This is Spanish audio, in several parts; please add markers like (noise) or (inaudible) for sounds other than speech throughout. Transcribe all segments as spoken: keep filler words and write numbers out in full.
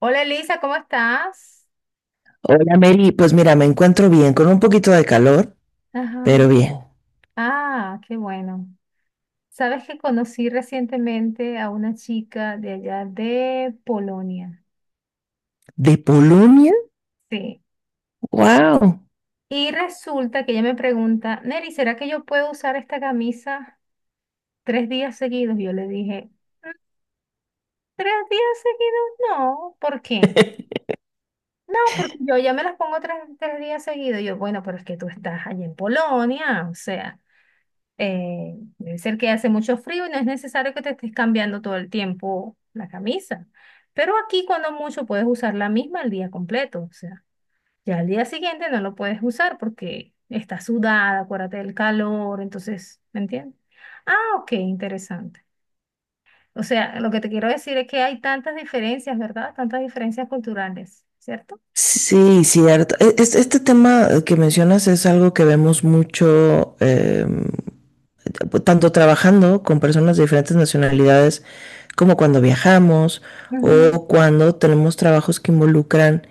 Hola Elisa, ¿cómo estás? Hola Mary, pues mira, me encuentro bien, con un poquito de calor, Ajá. pero bien. Ah, qué bueno. Sabes que conocí recientemente a una chica de allá de Polonia. ¿De Polonia? Sí. ¡Wow! Y resulta que ella me pregunta, Neri, ¿será que yo puedo usar esta camisa tres días seguidos? Yo le dije, ¿tres días seguidos? No. ¿Por qué? (laughs) No, porque yo ya me las pongo tres, tres días seguidos. Yo, bueno, pero es que tú estás allí en Polonia, o sea. Eh, debe ser que hace mucho frío y no es necesario que te estés cambiando todo el tiempo la camisa. Pero aquí cuando mucho puedes usar la misma el día completo. O sea, ya al día siguiente no lo puedes usar porque está sudada, acuérdate del calor, entonces, ¿me entiendes? Ah, ok, interesante. O sea, lo que te quiero decir es que hay tantas diferencias, ¿verdad? Tantas diferencias culturales, ¿cierto? Sí, cierto. E- es- Este tema que mencionas es algo que vemos mucho, em, tanto trabajando con personas de diferentes nacionalidades como cuando viajamos Ujú, o cuando tenemos trabajos que involucran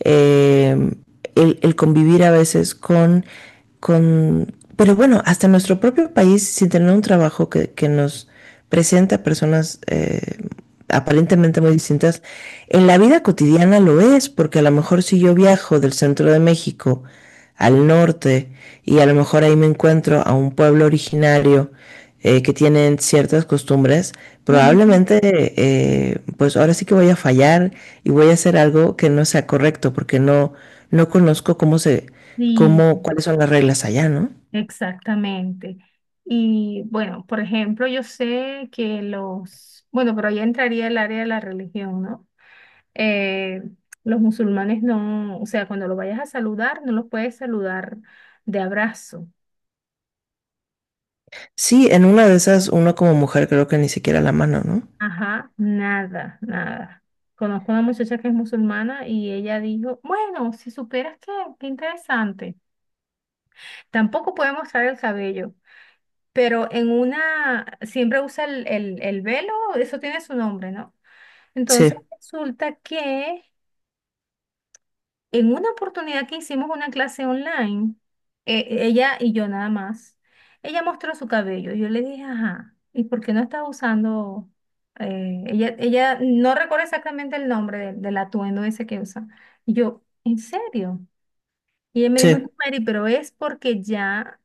eh, el, el, convivir a veces con, con, pero bueno, hasta en nuestro propio país, sin tener un trabajo que, que nos presenta personas eh, aparentemente muy distintas. En la vida cotidiana lo es, porque a lo mejor si yo viajo del centro de México al norte y a lo mejor ahí me encuentro a un pueblo originario eh, que tienen ciertas costumbres, ujú. probablemente eh, pues ahora sí que voy a fallar y voy a hacer algo que no sea correcto porque no, no conozco cómo se, Sí. cómo, cuáles son las reglas allá, ¿no? Exactamente. Y bueno, por ejemplo, yo sé que los, bueno, pero ahí entraría el área de la religión, ¿no? Eh, los musulmanes no, o sea, cuando lo vayas a saludar, no los puedes saludar de abrazo. Sí, en una de esas uno como mujer creo que ni siquiera la mano, ¿no? Ajá, nada, nada. Conozco una muchacha que es musulmana y ella dijo, bueno, si supieras que, qué interesante. Tampoco puede mostrar el cabello, pero en una, siempre usa el, el, el velo, eso tiene su nombre, ¿no? Sí, Entonces resulta que en una oportunidad que hicimos una clase online, eh, ella y yo nada más, ella mostró su cabello. Yo le dije, ajá, ¿y por qué no estás usando? eh, ella, ella no recuerda exactamente el nombre del del atuendo ese que usa. Y yo, ¿en serio? Y ella me dijo, no, sí. Mary, pero es porque ya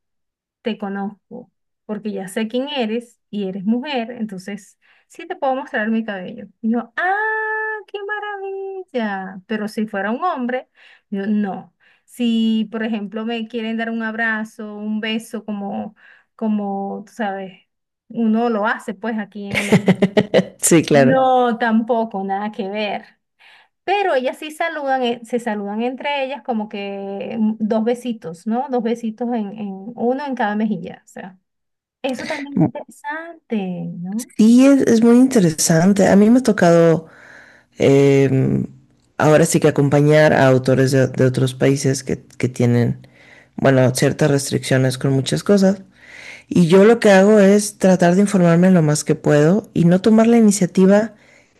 te conozco, porque ya sé quién eres y eres mujer, entonces sí te puedo mostrar mi cabello. Y yo, ah, qué maravilla. Pero si fuera un hombre, yo no. Si, por ejemplo, me quieren dar un abrazo, un beso, como, como, tú sabes, uno lo hace pues aquí en América. (laughs) Sí, claro. No, tampoco, nada que ver. Pero ellas sí saludan, eh, se saludan entre ellas como que mm, dos besitos, ¿no? Dos besitos en, en- uno en cada mejilla, o sea. Eso también es interesante, ¿no? Sí, es, es muy interesante. A mí me ha tocado em, ahora sí que acompañar a autores de, de otros países que, que tienen, bueno, ciertas restricciones con muchas cosas. Y yo lo que hago es tratar de informarme lo más que puedo y no tomar la iniciativa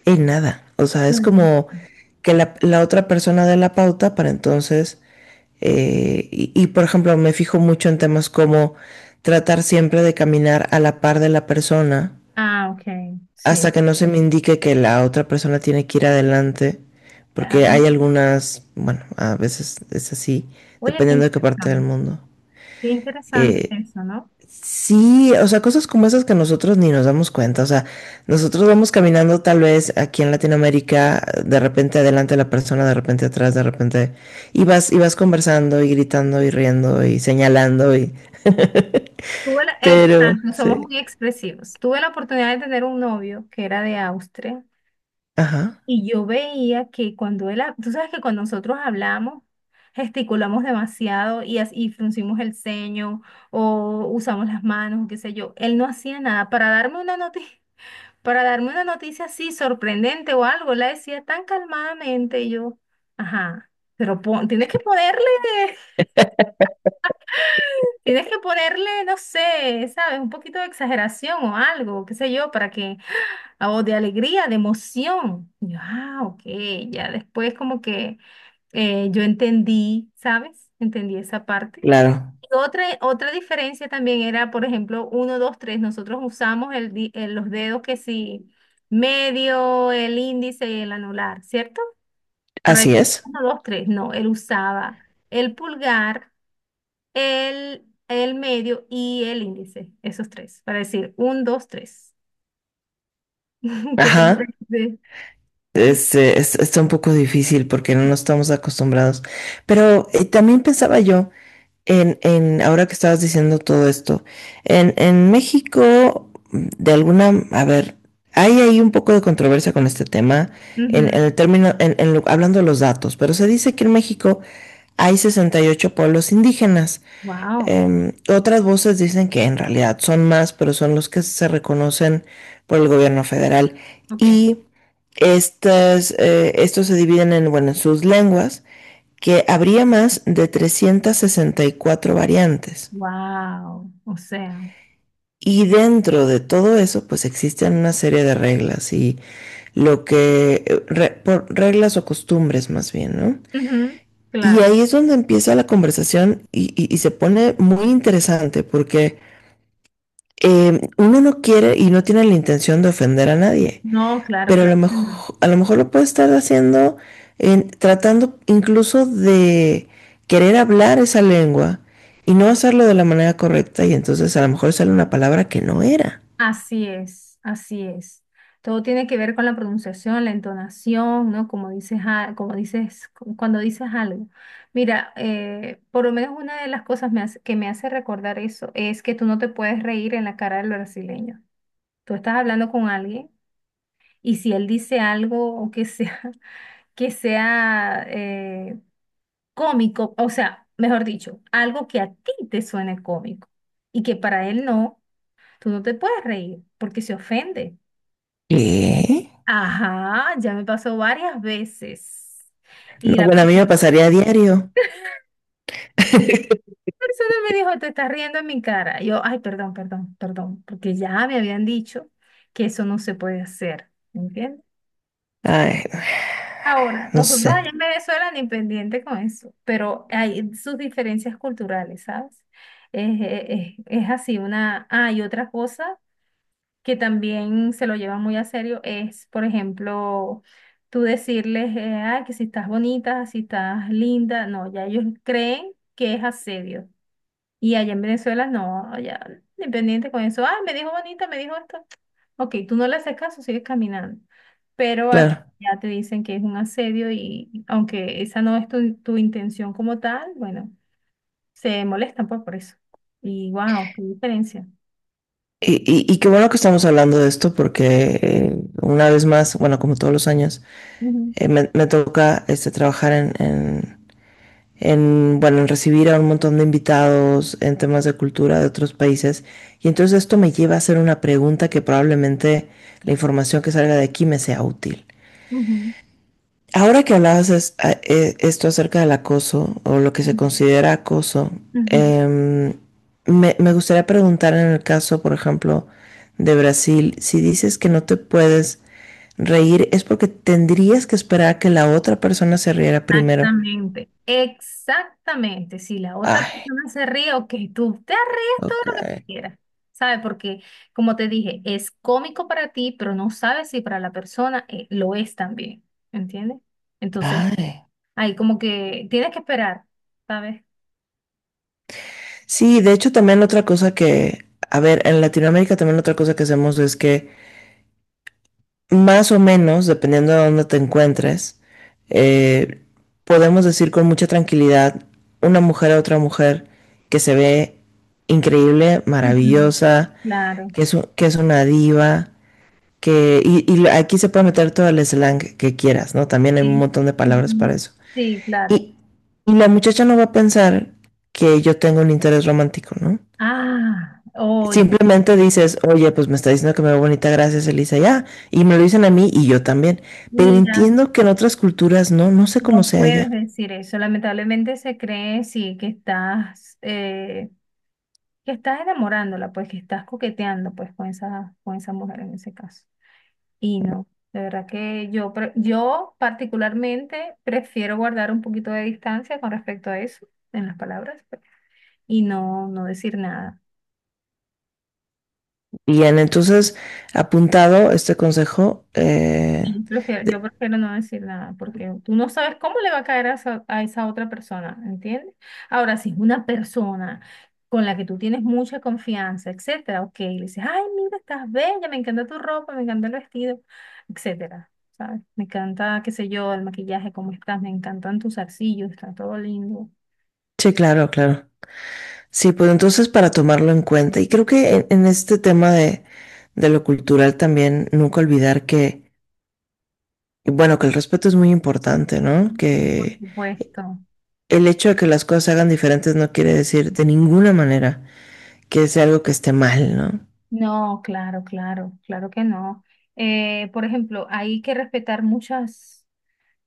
en nada. O sea, es Claro. como que la, la otra persona dé la pauta para entonces. Eh, y, y, por ejemplo, me fijo mucho en temas como tratar siempre de caminar a la par de la persona Ah, ok, sí. hasta que no se me indique que la otra persona tiene que ir adelante, porque Ajá. hay algunas, bueno, a veces es así, Oye, qué dependiendo de qué parte del interesante. mundo. Qué interesante Eh, eso, ¿no? Sí, o sea, cosas como esas que nosotros ni nos damos cuenta. O sea, nosotros vamos caminando tal vez aquí en Latinoamérica, de repente adelante la persona, de repente atrás, de repente, y vas, y vas conversando y gritando y riendo y señalando y, Tuve la- pero, Exacto, somos sí, muy expresivos. Tuve la oportunidad de tener un novio que era de Austria ajá, y yo veía que cuando él, ha- tú sabes que cuando nosotros hablamos, gesticulamos demasiado y, as- y fruncimos el ceño o usamos las manos, qué sé yo. Él no hacía nada para darme una noticia. Para darme una noticia así sorprendente o algo, la decía tan calmadamente y yo, ajá, pero pon- tienes que ponerle, (laughs) tienes que ponerle, no sé, ¿sabes? Un poquito de exageración o algo, qué sé yo, para que, o de alegría, de emoción. Y yo, ah, ok, ya después como que eh, yo entendí, ¿sabes? Entendí esa parte. claro, Otra, otra diferencia también era, por ejemplo, uno dos tres. Nosotros usamos el, di- el- los dedos que sí, medio, el índice y el anular, ¿cierto? Por ahí, así es, uno dos tres. No, él usaba el pulgar, el, el medio y el índice, esos tres, para decir uno, dos tres. (laughs) ¿Qué te ajá. parece? Este, es- está un poco difícil porque no nos estamos acostumbrados. Pero eh, también pensaba yo. En, en, ahora que estabas diciendo todo esto, en, en México, de alguna, a ver, hay ahí un poco de controversia con este tema, en, en Ujú. el término, en, en lo- hablando de los datos, pero se dice que en México hay sesenta y ocho pueblos indígenas. Wow, Em, otras voces dicen que en realidad son más, pero son los que se reconocen por el gobierno federal. ok. Y estas, eh, estos se dividen en, bueno, en sus lenguas que habría más de trescientas sesenta y cuatro variantes. Wow, o sea, Y dentro de todo eso, pues existen una serie de reglas y lo que, eh, re, por reglas o costumbres más bien, ¿no? ujú, Y claro. ahí es donde empieza la conversación y, y, y se pone muy interesante porque eh, uno no quiere y no tiene la intención de ofender a nadie, No, claro, pero a claro. lo mejor, a lo mejor lo puede estar haciendo en, tratando incluso de querer hablar esa lengua y no hacerlo de la manera correcta y entonces a lo mejor sale una palabra que no era. Así es, así es. Todo tiene que ver con la pronunciación, la entonación, ¿no? Como dices, a- como dices, cu- cuando dices algo. Mira, eh, por lo menos una de las cosas me hace- que me hace recordar eso es que tú no te puedes reír en la cara del brasileño. Tú estás hablando con alguien y si él dice algo o que sea, (laughs) que sea eh, cómico, o sea, mejor dicho, algo que a ti te suene cómico y que para él no, tú no te puedes reír porque se ofende. ¿Qué? Ajá, ya me pasó varias veces. No, Y la bueno, a pers- mí me pasaría a diario. (laughs) Persona me dijo, te estás riendo en mi cara. Y yo, ay, perdón, perdón, perdón, porque ya me habían dicho que eso no se puede hacer, ¿me ¿entiendes? Ay, Ahora, no nosotros sé, allá en Venezuela ni pendiente con eso, pero hay sus diferencias culturales, ¿sabes? Es, es- es- es así, una... Ah, y otra cosa que también se lo llevan muy a serio es, por ejemplo, tú decirles, eh, "Ay, que si estás bonita, si estás linda, no, ya ellos creen que es asedio. Y allá en Venezuela no, ya independiente con eso, ah, me dijo bonita, me dijo esto. Ok, tú no le haces caso, sigues caminando. Pero aquí claro. ya te dicen que es un asedio y aunque esa no es tu, tu intención como tal, bueno, se molestan pues por eso. Y wow, qué diferencia. Y, y, y, qué bueno que estamos hablando de esto porque eh, una vez más, bueno, como todos los años, Ujú, eh, me, me toca este, trabajar en, en en, bueno, en recibir a un montón de invitados en temas de cultura de otros países. Y entonces esto me lleva a hacer una pregunta que probablemente la información que salga de aquí me sea útil. ujú, Ahora que hablabas es, eh, esto acerca del acoso o lo que se ujú, considera acoso, ujú. eh, me, me gustaría preguntar en el caso, por ejemplo, de Brasil, si dices que no te puedes reír, es porque tendrías que esperar a que la otra persona se riera primero. Exactamente, exactamente. Si la otra Ay, persona se ríe, ok, tú te ríes todo ok. lo que quieras, ¿sabes? Porque, como te dije, es cómico para ti, pero no sabes si para la persona eh, lo es también, ¿entiendes? Entonces, Ay. ahí como que tienes que esperar, ¿sabes? Sí, de hecho también otra cosa que, a ver, en Latinoamérica también otra cosa que hacemos es que más o menos, dependiendo de dónde te encuentres, eh, podemos decir con mucha tranquilidad una mujer a otra mujer que se ve increíble, Ujú, maravillosa, claro, que es, u- que es una diva, que, y, y lo- aquí se puede meter todo el slang que quieras, ¿no? También hay un sí. montón de palabras para Ujú, eso. sí, claro. Y, y la muchacha no va a pensar que yo tengo un interés romántico, ¿no? Ah, oye, Simplemente dices, oye, pues me está diciendo que me veo bonita, gracias Elisa, ya. Y me lo dicen a mí y yo también. Pero entiendo que en otras culturas no, no sé cómo no sea puedes allá. decir eso. Lamentablemente se cree, sí, que estás, eh, que estás enamorándola, pues que estás coqueteando, pues con esa, con esa mujer en ese caso. Y no, de verdad que yo, pre- yo particularmente prefiero guardar un poquito de distancia con respecto a eso en las palabras pues, y no, no decir nada. Bien, entonces, apuntado este consejo. Eh, Y prefiero- yo de- prefiero no decir nada porque tú no sabes cómo le va a caer a esa, a esa otra persona, ¿entiendes? Ahora, si es una persona con la que tú tienes mucha confianza, etcétera, ok, le dices, ay, mira, estás bella, me encanta tu ropa, me encanta el vestido, etcétera, ¿sabes? Me encanta, qué sé yo, el maquillaje, cómo estás, me encantan tus arcillos, está todo lindo. sí, claro, claro. Sí, pues entonces para tomarlo en cuenta. Y creo que en, en este tema de, de lo cultural también, nunca olvidar que, bueno, que el respeto es muy importante, ¿no? Y por Que supuesto. el hecho de que las cosas se hagan diferentes no quiere decir de ninguna manera que sea algo que esté mal, ¿no? No, claro, claro, claro que no. Eh, por ejemplo, hay que respetar muchas.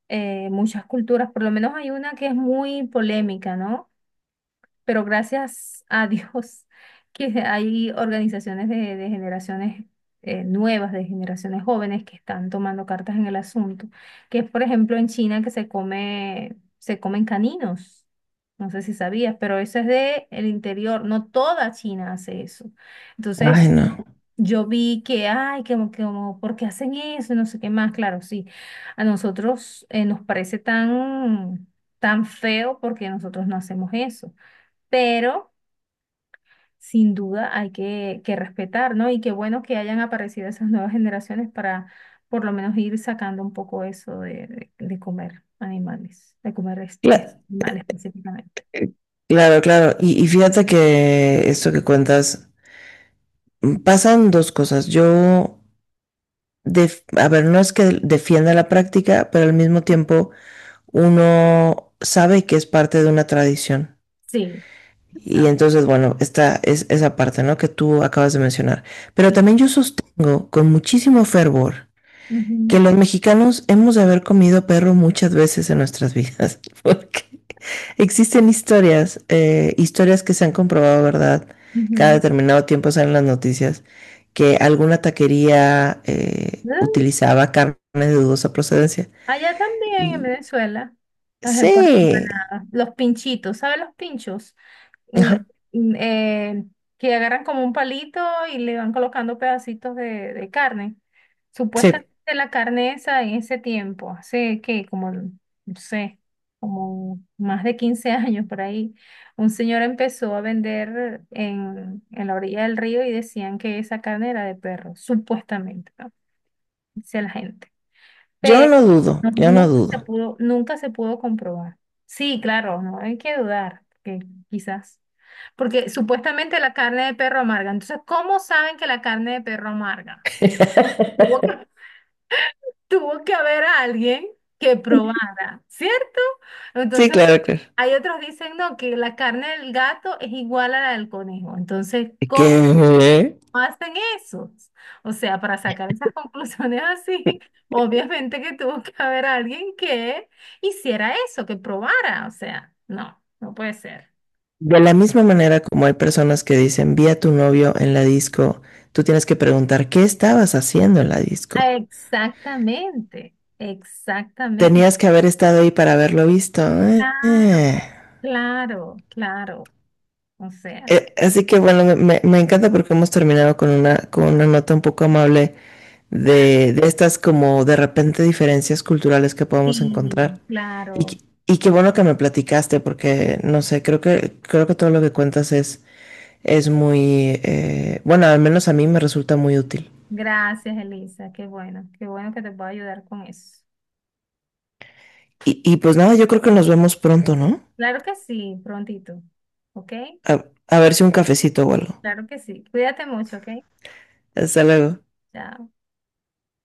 eh, Muchas culturas, por lo menos hay una que es muy polémica, ¿no? Pero gracias a Dios (laughs) que hay organizaciones de, de generaciones eh, nuevas, de generaciones jóvenes que están tomando cartas en el asunto, que es por ejemplo en China que se come, se comen caninos. No sé si sabías, pero eso es de el interior. No toda China hace eso. Entonces, Ay, no. yo vi que, ay, que, como, que como, ¿por qué hacen eso? No sé qué más. Claro, sí. A nosotros eh, nos parece tan, tan feo porque nosotros no hacemos eso, pero sin duda hay que, que respetar, ¿no? Y qué bueno que hayan aparecido esas nuevas generaciones para por lo menos ir sacando un poco eso de, de- de comer animales, de comer es- es- Cla- animales específicamente. claro, claro. Y, y fíjate que esto que cuentas, pasan dos cosas. Yo, def- a ver, no es que defienda la práctica, pero al mismo tiempo uno sabe que es parte de una tradición. Sí, Y exacto, entonces, bueno, esta es esa parte, ¿no? Que tú acabas de mencionar. Pero sí. también yo sostengo con muchísimo fervor que Ujú, los mexicanos hemos de haber comido perro muchas veces en nuestras vidas, (laughs) porque existen historias, eh, historias que se han comprobado, ¿verdad? Cada ujú. determinado tiempo salen las noticias que alguna taquería eh, Ah, utilizaba carne de dudosa procedencia. allá también en Y Venezuela, las empanadas, sí, los pinchitos, ¿sabes los pinchos? la- ajá, mm, eh, que agarran como un palito y le van colocando pedacitos de, de carne. sí, Supuestamente la carne esa en ese tiempo, hace que como, no sé, como más de quince (laughs) años por ahí, un señor empezó a vender en, en la orilla del río y decían que esa carne era de perro, supuestamente, ¿no? Dice la gente. yo Pero no dudo, no- yo no nunca se dudo. pudo, nunca se pudo comprobar. Sí, claro, no hay que dudar, que quizás. Porque supuestamente la carne de perro amarga. Entonces, ¿cómo saben que la carne de perro amarga? Tuvo que, (laughs) (laughs) tuvo que haber alguien que probara, ¿cierto? Sí, Entonces, claro, claro. hay otros dicen, no, que la carne del gato es igual a la del conejo. Entonces, ¿cómo ¿Qué? hacen esos? O sea, para sacar esas (laughs) conclusiones así, obviamente que tuvo que haber alguien que hiciera eso, que probara. O sea, no, no puede ser. De la misma manera como hay personas que dicen, vi a tu novio en la disco, tú tienes que preguntar, ¿qué estabas haciendo en la disco? Exactamente, exactamente. Tenías que haber estado ahí para haberlo visto. Eh, Claro, eh. claro, claro. O sea, Eh, así que bueno, me, me encanta porque hemos terminado con una, con una nota un poco amable de, de estas como de repente diferencias culturales que podemos sí, encontrar. Y, claro. qu- y qué bueno que me platicaste porque, no sé, creo que, creo que todo lo que cuentas es, es muy, eh, bueno, al menos a mí me resulta muy útil. Gracias, Elisa. Qué bueno, qué bueno que te puedo ayudar con eso. Y, y pues nada, yo creo que nos vemos pronto, ¿no? Claro que sí, prontito. ¿Ok? A, a ver si un cafecito o algo. Claro que sí. Cuídate mucho, ¿ok? Hasta luego. Chao.